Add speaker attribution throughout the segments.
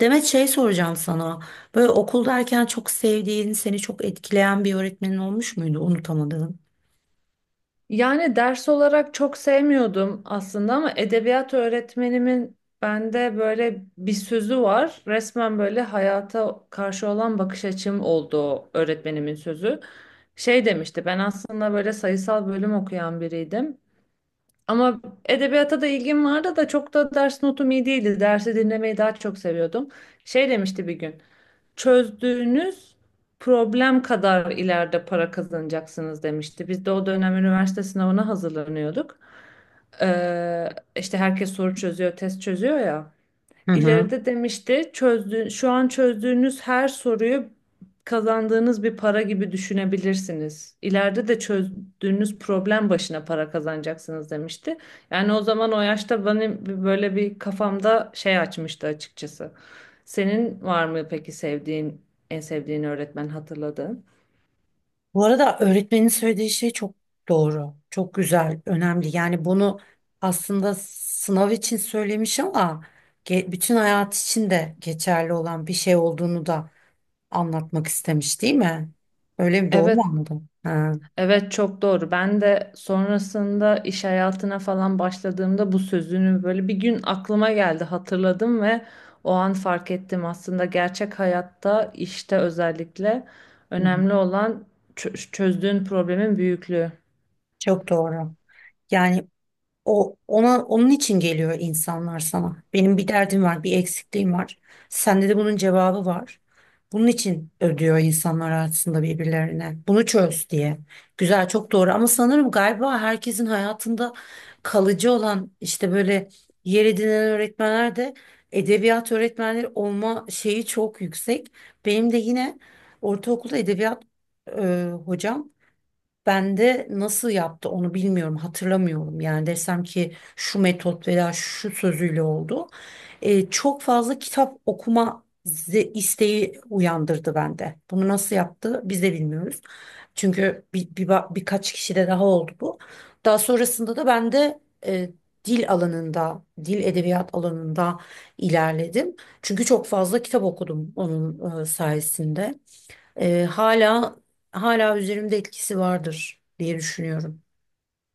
Speaker 1: Demet şey soracağım sana. Böyle okuldayken çok sevdiğin, seni çok etkileyen bir öğretmenin olmuş muydu? Unutamadığın.
Speaker 2: Yani ders olarak çok sevmiyordum aslında ama edebiyat öğretmenimin bende böyle bir sözü var. Resmen böyle hayata karşı olan bakış açım oldu o öğretmenimin sözü. Şey demişti, ben aslında böyle sayısal bölüm okuyan biriydim. Ama edebiyata da ilgim vardı da çok da ders notum iyi değildi. Dersi dinlemeyi daha çok seviyordum. Şey demişti bir gün çözdüğünüz problem kadar ileride para kazanacaksınız demişti. Biz de o dönem üniversite sınavına hazırlanıyorduk. Ee, işte herkes soru çözüyor, test çözüyor ya.
Speaker 1: Hı hı.
Speaker 2: İleride demişti çözdüğün, şu an çözdüğünüz her soruyu kazandığınız bir para gibi düşünebilirsiniz. İleride de çözdüğünüz problem başına para kazanacaksınız demişti. Yani o zaman o yaşta benim böyle bir kafamda şey açmıştı açıkçası. Senin var mı peki sevdiğin, en sevdiğin öğretmen hatırladığın?
Speaker 1: Bu arada öğretmenin söylediği şey çok doğru, çok güzel, önemli. Yani bunu aslında sınav için söylemiş ama bütün hayat için de geçerli olan bir şey olduğunu da anlatmak istemiş, değil mi? Öyle mi? Doğru mu
Speaker 2: Evet.
Speaker 1: anladım? Ha.
Speaker 2: Evet, çok doğru. Ben de sonrasında iş hayatına falan başladığımda bu sözünü böyle bir gün aklıma geldi, hatırladım ve o an fark ettim aslında gerçek hayatta işte özellikle
Speaker 1: Hı hı.
Speaker 2: önemli olan çözdüğün problemin büyüklüğü.
Speaker 1: Çok doğru. Yani o ona onun için geliyor insanlar sana. Benim bir derdim var, bir eksikliğim var. Sende de bunun cevabı var. Bunun için ödüyor insanlar aslında birbirlerine. Bunu çöz diye. Güzel, çok doğru. Ama sanırım galiba herkesin hayatında kalıcı olan işte böyle yer edinen öğretmenler de edebiyat öğretmenleri olma şeyi çok yüksek. Benim de yine ortaokulda edebiyat hocam ben de nasıl yaptı onu bilmiyorum, hatırlamıyorum. Yani desem ki şu metot veya şu sözüyle oldu. Çok fazla kitap okuma isteği uyandırdı bende. Bunu nasıl yaptı biz de bilmiyoruz. Çünkü birkaç kişide daha oldu bu. Daha sonrasında da ben de e, dil alanında, dil edebiyat alanında ilerledim. Çünkü çok fazla kitap okudum onun sayesinde. Ee, hala Hala üzerimde etkisi vardır diye düşünüyorum.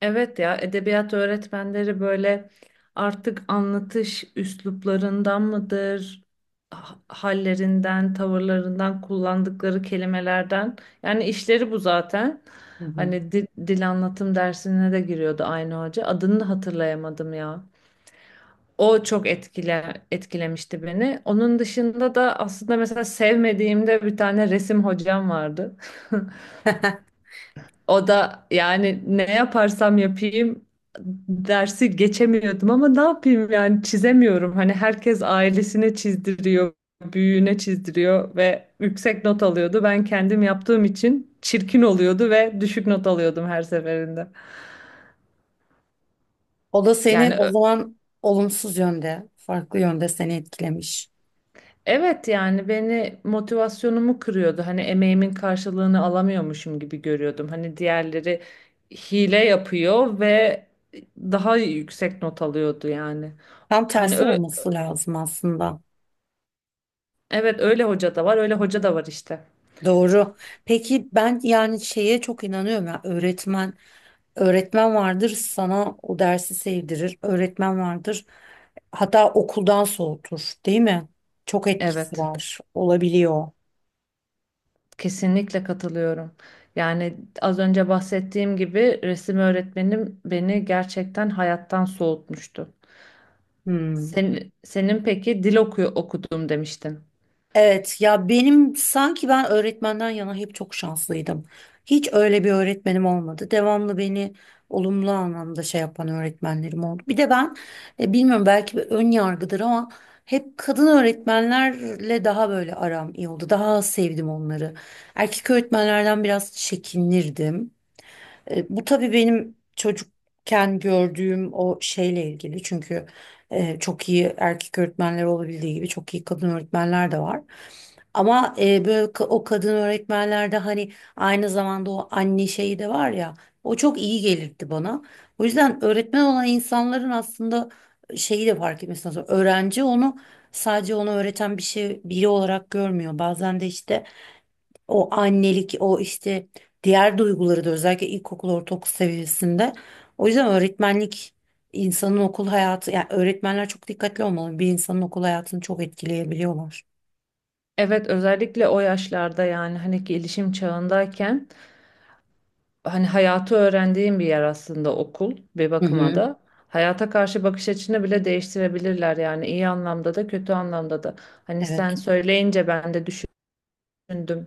Speaker 2: Evet ya, edebiyat öğretmenleri böyle artık anlatış üsluplarından mıdır, hallerinden, tavırlarından, kullandıkları kelimelerden. Yani işleri bu zaten.
Speaker 1: Hı hı.
Speaker 2: Hani dil anlatım dersine de giriyordu aynı hoca. Adını da hatırlayamadım ya. O çok etkilemişti beni. Onun dışında da aslında mesela sevmediğimde bir tane resim hocam vardı. O da yani ne yaparsam yapayım dersi geçemiyordum ama ne yapayım yani çizemiyorum. Hani herkes ailesine çizdiriyor, büyüğüne çizdiriyor ve yüksek not alıyordu. Ben kendim yaptığım için çirkin oluyordu ve düşük not alıyordum her seferinde.
Speaker 1: O da seni
Speaker 2: Yani
Speaker 1: o
Speaker 2: ö-
Speaker 1: zaman olumsuz yönde, farklı yönde seni etkilemiş.
Speaker 2: evet, yani beni motivasyonumu kırıyordu. Hani emeğimin karşılığını alamıyormuşum gibi görüyordum. Hani diğerleri hile yapıyor ve daha yüksek not alıyordu yani.
Speaker 1: Tam
Speaker 2: Hani
Speaker 1: tersi
Speaker 2: ö-
Speaker 1: olması lazım aslında.
Speaker 2: Evet, öyle hoca da var, öyle hoca da var işte.
Speaker 1: Doğru. Peki ben yani şeye çok inanıyorum ya öğretmen vardır sana o dersi sevdirir. Öğretmen vardır hatta okuldan soğutur, değil mi? Çok etkisi
Speaker 2: Evet,
Speaker 1: var. Olabiliyor.
Speaker 2: kesinlikle katılıyorum. Yani az önce bahsettiğim gibi resim öğretmenim beni gerçekten hayattan soğutmuştu.
Speaker 1: Hmm.
Speaker 2: Senin peki dil oku okudum demiştin.
Speaker 1: Evet ya benim sanki ben öğretmenden yana hep çok şanslıydım. Hiç öyle bir öğretmenim olmadı. Devamlı beni olumlu anlamda şey yapan öğretmenlerim oldu. Bir de ben bilmiyorum belki bir ön yargıdır ama hep kadın öğretmenlerle daha böyle aram iyi oldu. Daha az sevdim onları. Erkek öğretmenlerden biraz çekinirdim. E, bu tabii benim çocukken gördüğüm o şeyle ilgili. Çünkü çok iyi erkek öğretmenler olabildiği gibi çok iyi kadın öğretmenler de var. Ama o kadın öğretmenlerde hani aynı zamanda o anne şeyi de var ya o çok iyi gelirdi bana. O yüzden öğretmen olan insanların aslında şeyi de fark etmesi lazım. Öğrenci onu sadece onu öğreten bir şey biri olarak görmüyor. Bazen de işte o annelik o işte diğer duyguları da özellikle ilkokul ortaokul seviyesinde. O yüzden öğretmenlik insanın okul hayatı yani öğretmenler çok dikkatli olmalı. Bir insanın okul hayatını çok etkileyebiliyorlar.
Speaker 2: Evet, özellikle o yaşlarda yani hani gelişim çağındayken hani hayatı öğrendiğim bir yer aslında okul bir
Speaker 1: Hı
Speaker 2: bakıma
Speaker 1: hı.
Speaker 2: da. Hayata karşı bakış açını bile değiştirebilirler yani iyi anlamda da kötü anlamda da. Hani sen
Speaker 1: Evet.
Speaker 2: söyleyince ben de düşündüm.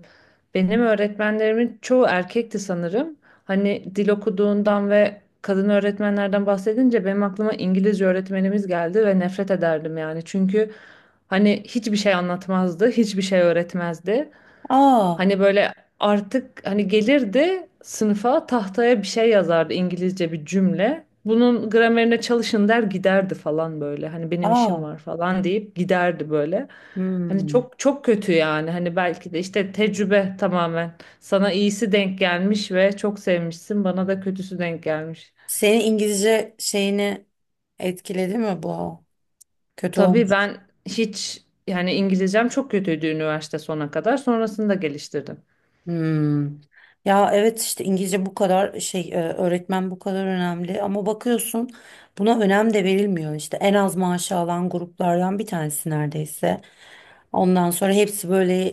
Speaker 2: Benim öğretmenlerimin çoğu erkekti sanırım. Hani dil okuduğundan ve kadın öğretmenlerden bahsedince benim aklıma İngilizce öğretmenimiz geldi ve nefret ederdim yani. Çünkü hani hiçbir şey anlatmazdı, hiçbir şey öğretmezdi.
Speaker 1: Aa,
Speaker 2: Hani böyle artık hani gelirdi sınıfa, tahtaya bir şey yazardı, İngilizce bir cümle. Bunun gramerine çalışın der giderdi falan böyle. Hani benim işim
Speaker 1: aa.
Speaker 2: var falan deyip giderdi böyle. Hani
Speaker 1: Hmm.
Speaker 2: çok çok kötü yani. Hani belki de işte tecrübe tamamen. Sana iyisi denk gelmiş ve çok sevmişsin. Bana da kötüsü denk gelmiş.
Speaker 1: Senin İngilizce şeyini etkiledi mi bu? Kötü
Speaker 2: Tabii
Speaker 1: olmuş.
Speaker 2: ben hiç yani İngilizcem çok kötüydü üniversite sona kadar. Sonrasında geliştirdim.
Speaker 1: Hmm. Ya evet işte İngilizce bu kadar şey öğretmen bu kadar önemli ama bakıyorsun buna önem de verilmiyor işte en az maaşı alan gruplardan bir tanesi neredeyse. Ondan sonra hepsi böyle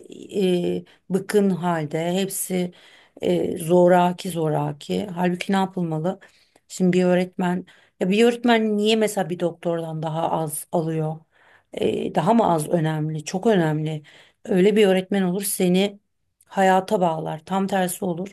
Speaker 1: e, bıkın halde hepsi zoraki zoraki halbuki ne yapılmalı? Şimdi bir öğretmen ya bir öğretmen niye mesela bir doktordan daha az alıyor? E, daha mı az önemli? Çok önemli. Öyle bir öğretmen olur seni hayata bağlar. Tam tersi olur.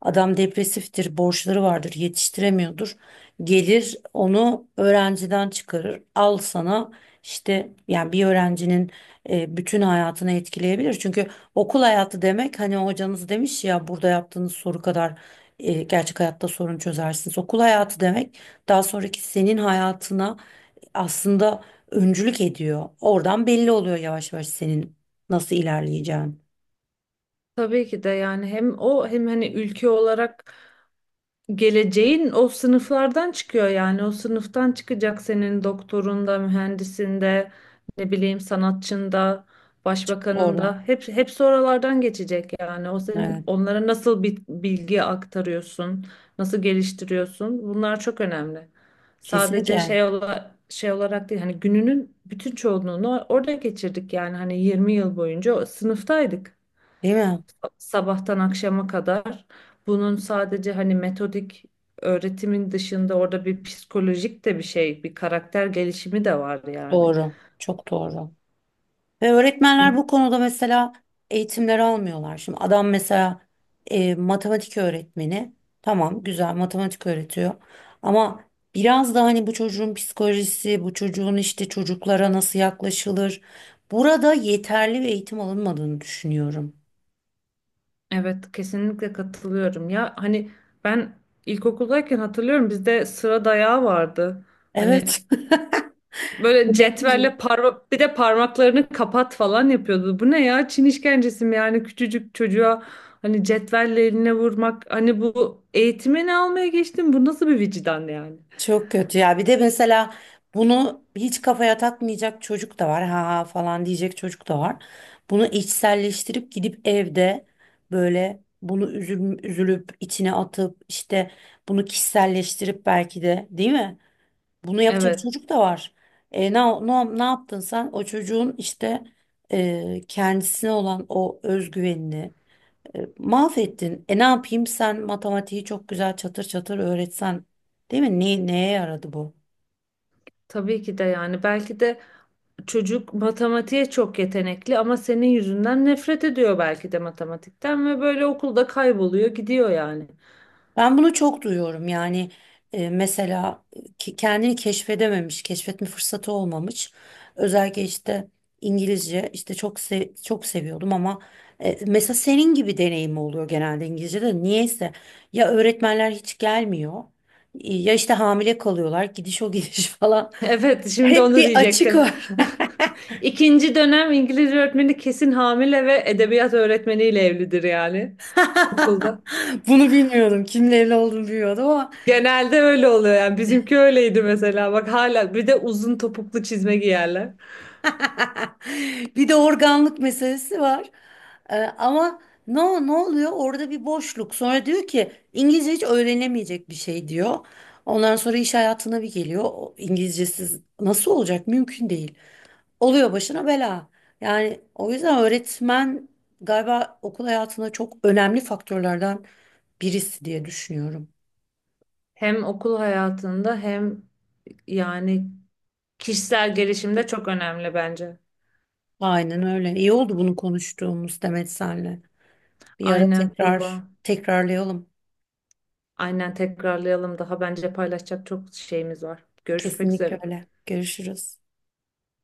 Speaker 1: Adam depresiftir, borçları vardır, yetiştiremiyordur. Gelir onu öğrenciden çıkarır. Al sana işte yani bir öğrencinin bütün hayatını etkileyebilir. Çünkü okul hayatı demek hani hocanız demiş ya burada yaptığınız soru kadar gerçek hayatta sorun çözersiniz. Okul hayatı demek daha sonraki senin hayatına aslında öncülük ediyor. Oradan belli oluyor yavaş yavaş senin nasıl ilerleyeceğin.
Speaker 2: Tabii ki de yani hem o hem hani ülke olarak geleceğin o sınıflardan çıkıyor yani o sınıftan çıkacak senin doktorunda, mühendisinde, ne bileyim sanatçında,
Speaker 1: Doğru.
Speaker 2: başbakanında hep hepsi oralardan geçecek yani. O senin
Speaker 1: Evet.
Speaker 2: onlara nasıl bir bilgi aktarıyorsun, nasıl geliştiriyorsun? Bunlar çok önemli.
Speaker 1: Kesinlikle.
Speaker 2: Şey olarak değil hani gününün bütün çoğunluğunu orada geçirdik yani hani 20 yıl boyunca o sınıftaydık
Speaker 1: Değil mi?
Speaker 2: sabahtan akşama kadar. Bunun sadece hani metodik öğretimin dışında orada bir psikolojik de bir şey, bir karakter gelişimi de var yani.
Speaker 1: Doğru. Çok doğru. Ve
Speaker 2: Bu-
Speaker 1: öğretmenler bu konuda mesela eğitimleri almıyorlar. Şimdi adam mesela matematik öğretmeni. Tamam güzel matematik öğretiyor. Ama biraz da hani bu çocuğun psikolojisi, bu çocuğun işte çocuklara nasıl yaklaşılır. Burada yeterli bir eğitim alınmadığını düşünüyorum.
Speaker 2: Evet, kesinlikle katılıyorum. Ya hani ben ilkokuldayken hatırlıyorum bizde sıra dayağı vardı. Hani
Speaker 1: Evet.
Speaker 2: böyle
Speaker 1: Bu nedir?
Speaker 2: cetvelle parmak, bir de parmaklarını kapat falan yapıyordu. Bu ne ya? Çin işkencesi mi yani, küçücük çocuğa hani cetvelle eline vurmak. Hani bu eğitimi ne almaya geçtim? Bu nasıl bir vicdan yani?
Speaker 1: Çok kötü ya. Bir de mesela bunu hiç kafaya takmayacak çocuk da var. Ha ha falan diyecek çocuk da var. Bunu içselleştirip gidip evde böyle bunu üzülüp içine atıp işte bunu kişiselleştirip belki de değil mi? Bunu yapacak
Speaker 2: Evet,
Speaker 1: çocuk da var. Ne yaptın sen? O çocuğun işte kendisine olan o özgüvenini mahvettin. E ne yapayım sen matematiği çok güzel çatır çatır öğretsen değil mi? Neye yaradı bu?
Speaker 2: tabii ki de yani belki de çocuk matematiğe çok yetenekli ama senin yüzünden nefret ediyor belki de matematikten ve böyle okulda kayboluyor gidiyor yani.
Speaker 1: Ben bunu çok duyuyorum yani mesela kendini keşfedememiş, keşfetme fırsatı olmamış. Özellikle işte İngilizce işte çok seviyordum ama mesela senin gibi deneyim oluyor genelde İngilizce'de. Niyeyse ya öğretmenler hiç gelmiyor ya işte hamile kalıyorlar gidiş o gidiş falan.
Speaker 2: Evet, şimdi
Speaker 1: Hep
Speaker 2: onu
Speaker 1: bir açık
Speaker 2: diyecektim.
Speaker 1: var.
Speaker 2: İkinci dönem İngilizce öğretmeni kesin hamile ve edebiyat öğretmeniyle evlidir yani okulda.
Speaker 1: Bunu bilmiyordum. Kimle evli olduğunu bilmiyordum ama.
Speaker 2: Genelde öyle oluyor yani, bizimki öyleydi mesela, bak hala bir de uzun topuklu çizme giyerler.
Speaker 1: Bir de organlık meselesi var. Ama ne ne oluyor? Orada bir boşluk. Sonra diyor ki İngilizce hiç öğrenemeyecek bir şey diyor. Ondan sonra iş hayatına bir geliyor. O İngilizcesiz nasıl olacak? Mümkün değil. Oluyor başına bela. Yani o yüzden öğretmen galiba okul hayatında çok önemli faktörlerden birisi diye düşünüyorum.
Speaker 2: Hem okul hayatında hem yani kişisel gelişim de çok önemli bence.
Speaker 1: Aynen öyle. İyi oldu bunu konuştuğumuz Demet senle. Bir ara
Speaker 2: Aynen
Speaker 1: tekrar
Speaker 2: Tuğba.
Speaker 1: tekrarlayalım.
Speaker 2: Aynen, tekrarlayalım. Daha bence paylaşacak çok şeyimiz var. Görüşmek
Speaker 1: Kesinlikle
Speaker 2: üzere.
Speaker 1: öyle. Görüşürüz.